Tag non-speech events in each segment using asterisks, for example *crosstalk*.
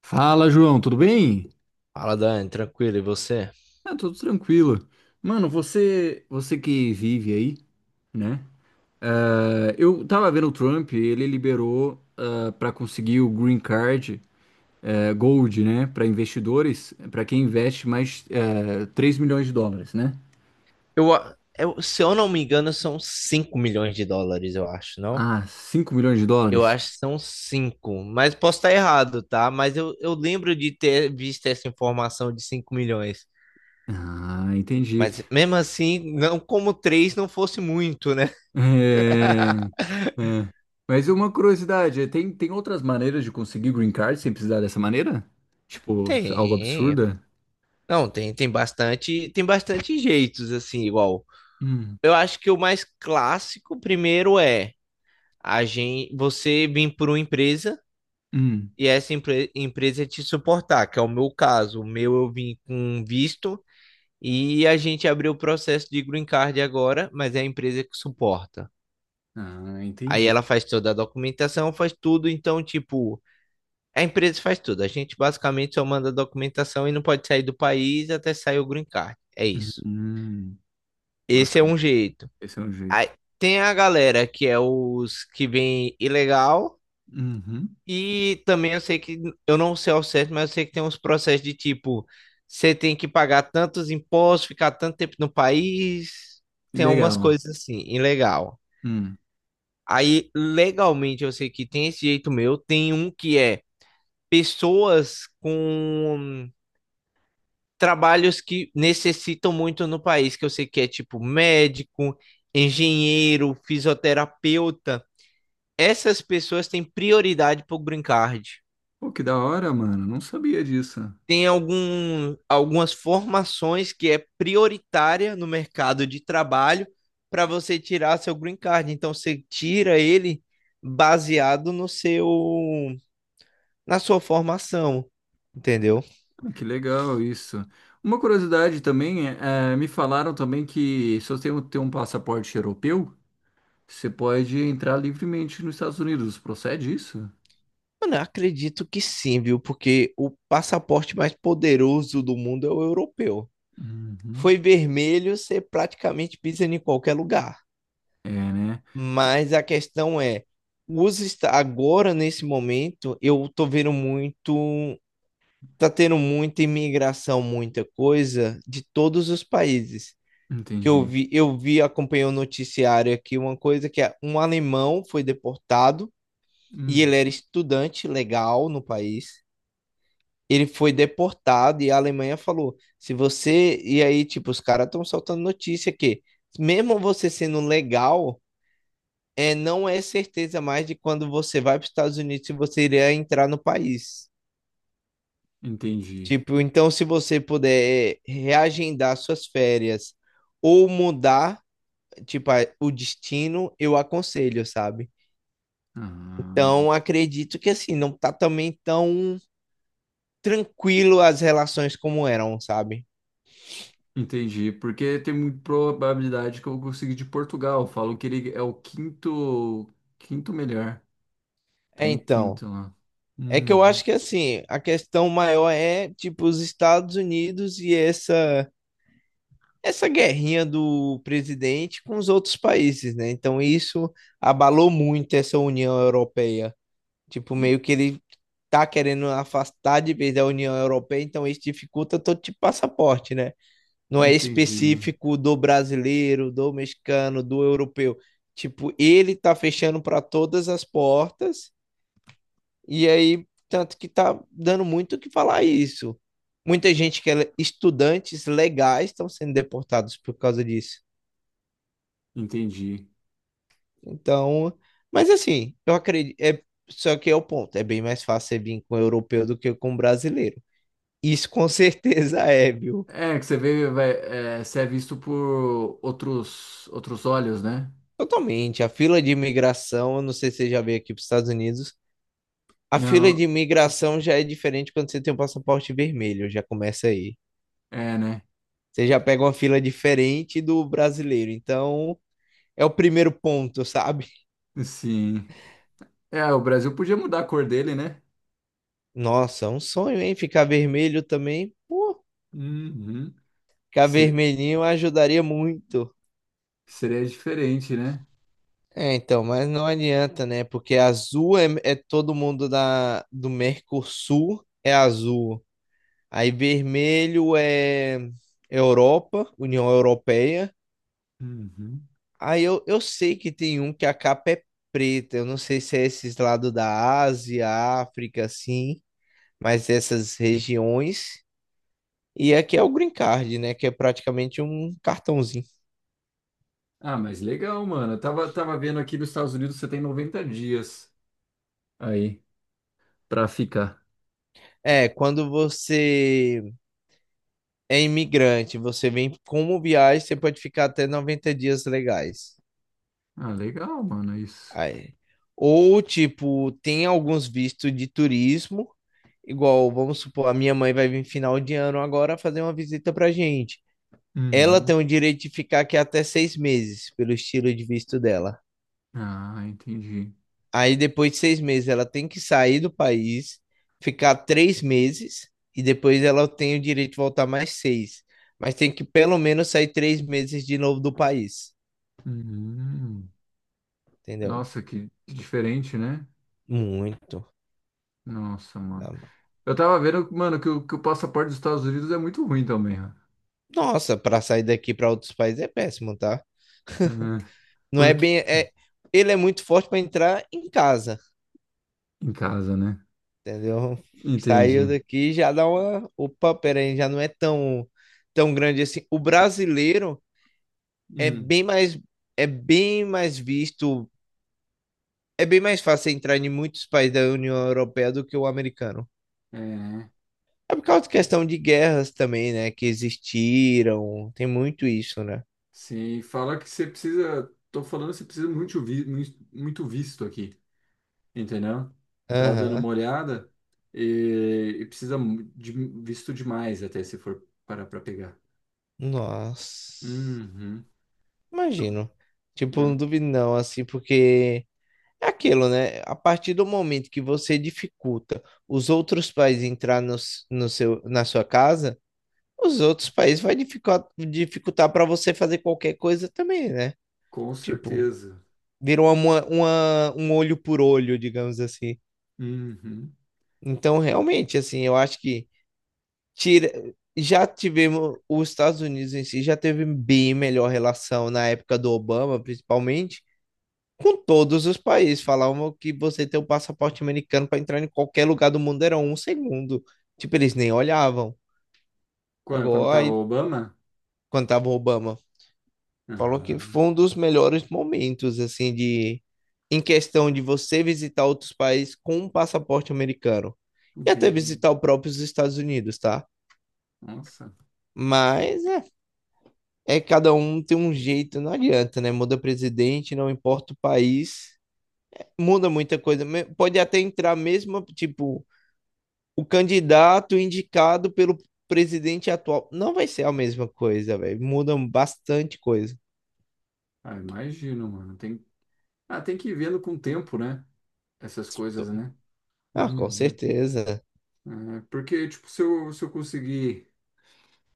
Fala, João, tudo bem? Fala, Dani, tranquilo, e você? Ah, tudo tranquilo. Mano, você que vive aí, né? Eu tava vendo o Trump, ele liberou ah, pra para conseguir o Green Card Gold, né, pra investidores, pra quem investe mais 3 milhões de dólares, né? Se eu não me engano, são US$ 5 milhões, eu acho, não? Ah, cinco milhões de Eu dólares? acho que são 5 mas posso estar errado, tá? Mas eu lembro de ter visto essa informação de 5 milhões. Ah, entendi. Mas *laughs* mesmo assim, não como 3 não fosse muito, né? É, *laughs* é. Mas uma curiosidade, tem outras maneiras de conseguir Green Card sem precisar dessa maneira? Tipo, algo Tem. absurda? Não, tem bastante, tem bastante jeitos assim, igual. Hum. Eu acho que o mais clássico primeiro é você vir por uma empresa Hum. e essa empresa te suportar, que é o meu caso. O meu eu vim com um visto e a gente abriu o processo de green card agora, mas é a empresa que suporta. Ah, Aí entendi. ela faz toda a documentação, faz tudo, então, tipo, a empresa faz tudo. A gente basicamente só manda a documentação e não pode sair do país até sair o green card. É isso. Hum. Esse é Bacana. um jeito. Esse é um Aí, jeito. tem a galera que é os que vem ilegal. Uhum. E também eu sei que, eu não sei ao certo, mas eu sei que tem uns processos de tipo, você tem que pagar tantos impostos, ficar tanto tempo no país, tem algumas Legal. coisas assim, ilegal. Hum. Aí, legalmente, eu sei que tem esse jeito meu, tem um que é pessoas com trabalhos que necessitam muito no país, que eu sei que é tipo médico, engenheiro, fisioterapeuta. Essas pessoas têm prioridade pro Green Card. Pô, que da hora, mano. Não sabia disso. Ah, Tem algumas formações que é prioritária no mercado de trabalho para você tirar seu green card. Então você tira ele baseado no seu na sua formação, entendeu? que legal isso. Uma curiosidade também, me falaram também que se você tem um passaporte europeu, você pode entrar livremente nos Estados Unidos. Procede isso? Mano, eu acredito que sim, viu? Porque o passaporte mais poderoso do mundo é o europeu. Uhum. Foi vermelho, você praticamente pisa em qualquer lugar. É, né? T- Mas a questão é, agora nesse momento eu tô vendo muito, tá tendo muita imigração, muita coisa de todos os países. Que eu Entendi. vi, eu vi, acompanhei o noticiário aqui, uma coisa que é um alemão foi deportado e ele Hum, era estudante legal no país. Ele foi deportado e a Alemanha falou: se você. E aí, tipo, os caras estão soltando notícia que, mesmo você sendo legal, não é certeza mais de quando você vai para os Estados Unidos se você iria entrar no país. entendi. Tipo, então se você puder reagendar suas férias ou mudar, tipo, o destino, eu aconselho, sabe? Ah. Então, acredito que assim, não tá também tão tranquilo as relações como eram, sabe? Entendi, porque tem muita probabilidade que eu vou conseguir de Portugal. Falam que ele é o quinto melhor. Tá É, em então, quinto lá. é que eu Uhum. acho que assim, a questão maior é, tipo, os Estados Unidos e essa guerrinha do presidente com os outros países, né? Então, isso abalou muito essa União Europeia. Tipo, En- meio que ele tá querendo afastar de vez da União Europeia, então isso dificulta todo tipo de passaporte, né? Não é Entendi, específico do brasileiro, do mexicano, do europeu. Tipo, ele tá fechando para todas as portas, e aí, tanto que tá dando muito o que falar isso. Muita gente que é estudantes legais estão sendo deportados por causa disso. entendi. Então, mas assim, eu acredito. É, só que é o ponto, é bem mais fácil você vir com o europeu do que com o brasileiro. Isso com certeza *laughs* é, viu? É que você vê, vai, é, você é visto por outros olhos, né? Totalmente. A fila de imigração, eu não sei se você já veio aqui para os Estados Unidos, a fila Não, de imigração já é diferente quando você tem um passaporte vermelho, já começa aí. é, né? Você já pega uma fila diferente do brasileiro. Então, é o primeiro ponto, sabe? Sim. É, o Brasil podia mudar a cor dele, né? Nossa, é um sonho, hein? Ficar vermelho também. Pô, Uhum. ficar Ser- vermelhinho ajudaria muito. Seria diferente, né? É, então, mas não adianta, né? Porque azul é todo mundo do Mercosul é azul. Aí vermelho é Europa, União Europeia. Uhum. Aí eu sei que tem um que a capa é preta. Eu não sei se é esses lados da Ásia, África, assim, mas essas regiões. E aqui é o green card, né? Que é praticamente um cartãozinho. Ah, mas legal, mano. Eu tava vendo aqui nos Estados Unidos você tem 90 dias aí pra ficar. É, quando você é imigrante, você vem como viagem, você pode ficar até 90 dias legais. Ah, legal, mano, é isso. Aí. Ou, tipo, tem alguns vistos de turismo. Igual, vamos supor, a minha mãe vai vir final de ano agora fazer uma visita pra gente. Ela Uhum. tem o direito de ficar aqui até 6 meses, pelo estilo de visto dela. Ah, entendi. Aí depois de 6 meses ela tem que sair do país, ficar 3 meses, e depois ela tem o direito de voltar mais seis. Mas tem que pelo menos sair 3 meses de novo do país, Uhum. entendeu? Nossa, que diferente, né? Muito. Nossa, mano. Tá? Eu tava vendo, mano, que o passaporte dos Estados Unidos é muito ruim também, ó. Nossa, pra sair daqui pra outros países é péssimo, tá? Uhum. Não é Porque bem. É, ele é muito forte pra entrar em casa. em casa, né? Entendeu? Saiu Entendi. daqui já dá uma. Opa, peraí, já não é tão, tão grande assim. O brasileiro é Hum. bem mais, é bem mais visto, é bem mais fácil entrar em muitos países da União Europeia do que o americano. É. É por causa de questão de guerras também, né? Que existiram, tem muito isso, né? Sim, fala que você precisa. Tô falando que você precisa muito, vi, muito visto aqui. Entendeu? Tava dando Aham. uma olhada e, de visto demais até se for parar para pegar. Nossa, Uhum. imagino. Tipo, É, não duvido não, assim, porque. É aquilo, né? A partir do momento que você dificulta os outros países entrar no, s- no seu, na sua casa, os outros países vai dificultar, dificultar para você fazer qualquer coisa também, né? com Tipo, certeza. vira um olho por olho, digamos assim. Uhum. Então, realmente, assim, eu acho que tira, já tivemos, os Estados Unidos em si já teve bem melhor relação na época do Obama, principalmente com todos os países. Falavam que você tem o passaporte americano para entrar em qualquer lugar do mundo era um segundo. Tipo, eles nem olhavam. Quando, quando Agora, tava o aí, Obama? quando tava o Obama, falou que Ah, foi um dos melhores momentos, assim, de em questão de você visitar outros países com um passaporte americano. E até entendi. visitar o próprio os Estados Unidos, tá? Nossa. Mas é, cada um tem um jeito, não adianta, né? Muda presidente, não importa o país, muda muita coisa. Pode até entrar mesmo, tipo, o candidato indicado pelo presidente atual. Não vai ser a mesma coisa, velho. Mudam bastante coisa. Ah, imagino, mano. Tem, ah, tem que ir vendo com o tempo, né? Essas coisas, né? Ah, com Uhum. certeza. É, porque, tipo, se eu, se eu conseguir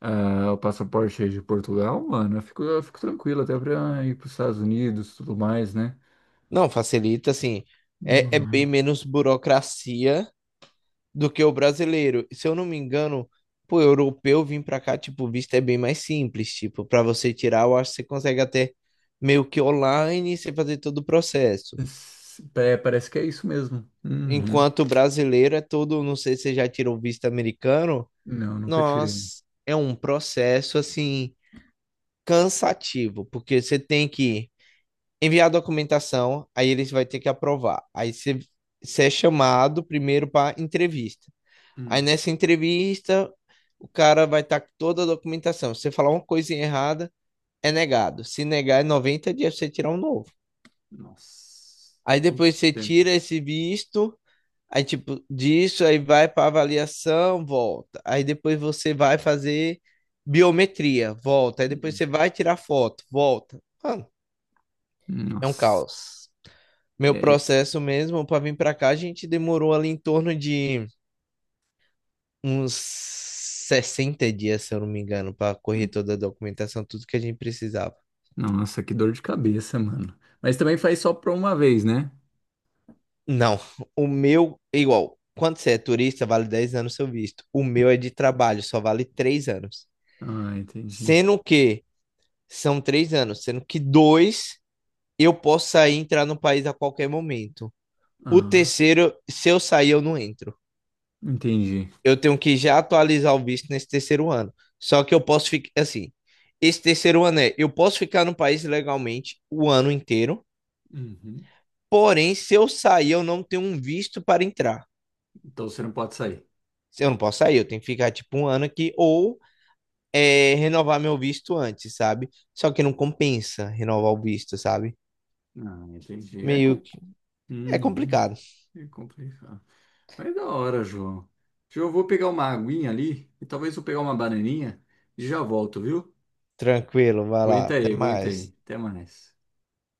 ah, o passaporte aí de Portugal, mano, eu fico tranquilo até pra ir pros Estados Unidos e tudo mais, né? Não, facilita, assim. É bem Uhum. menos burocracia do que o brasileiro. Se eu não me engano, pô, europeu vir pra cá, tipo, o visto é bem mais simples. Tipo, pra você tirar, eu acho que você consegue até meio que online, você fazer todo o processo. É, parece que é isso mesmo. Uhum. Enquanto o brasileiro é todo, não sei se você já tirou o visto americano. Não, nunca tirei. Nós é um processo assim cansativo, porque você tem que enviar a documentação, aí eles vai ter que aprovar. Aí você é chamado primeiro para entrevista. Aí Hum, nessa entrevista, o cara vai estar com toda a documentação. Se você falar uma coisinha errada, é negado. Se negar, é 90 dias pra você tirar um novo. nossa, Aí todos depois os você tempos. tira esse visto. Aí, tipo, disso aí vai para avaliação, volta. Aí depois você vai fazer biometria, volta. Aí depois Hum. você vai tirar foto, volta. Mano, é um Nossa. caos. Meu É, processo mesmo para vir para cá, a gente demorou ali em torno de uns 60 dias, se eu não me engano, para correr toda a documentação, tudo que a gente precisava. nossa, que dor de cabeça, mano. Mas também faz só pra uma vez, né? Não, o meu é igual. Quando você é turista, vale 10 anos seu visto. O meu é de trabalho, só vale 3 anos. Ah, entendi. Sendo que são 3 anos, sendo que dois eu posso sair e entrar no país a qualquer momento. O Ah, terceiro, se eu sair, eu não entro. entendi. Eu tenho que já atualizar o visto nesse terceiro ano. Só que eu posso ficar assim. Esse terceiro ano eu posso ficar no país legalmente o ano inteiro, Uhum. porém, se eu sair, eu não tenho um visto para entrar. Então você não pode sair. Eu não posso sair, eu tenho que ficar tipo um ano aqui ou renovar meu visto antes, sabe? Só que não compensa renovar o visto, sabe? Ah, entendi. É, Meio com... que é Uhum. complicado. É complicado. Mas é da hora, João. João, eu vou pegar uma aguinha ali e talvez eu pegar uma bananinha e já volto, viu? Tranquilo, vai lá, Aguenta aí, até aguenta mais. aí. Até mais.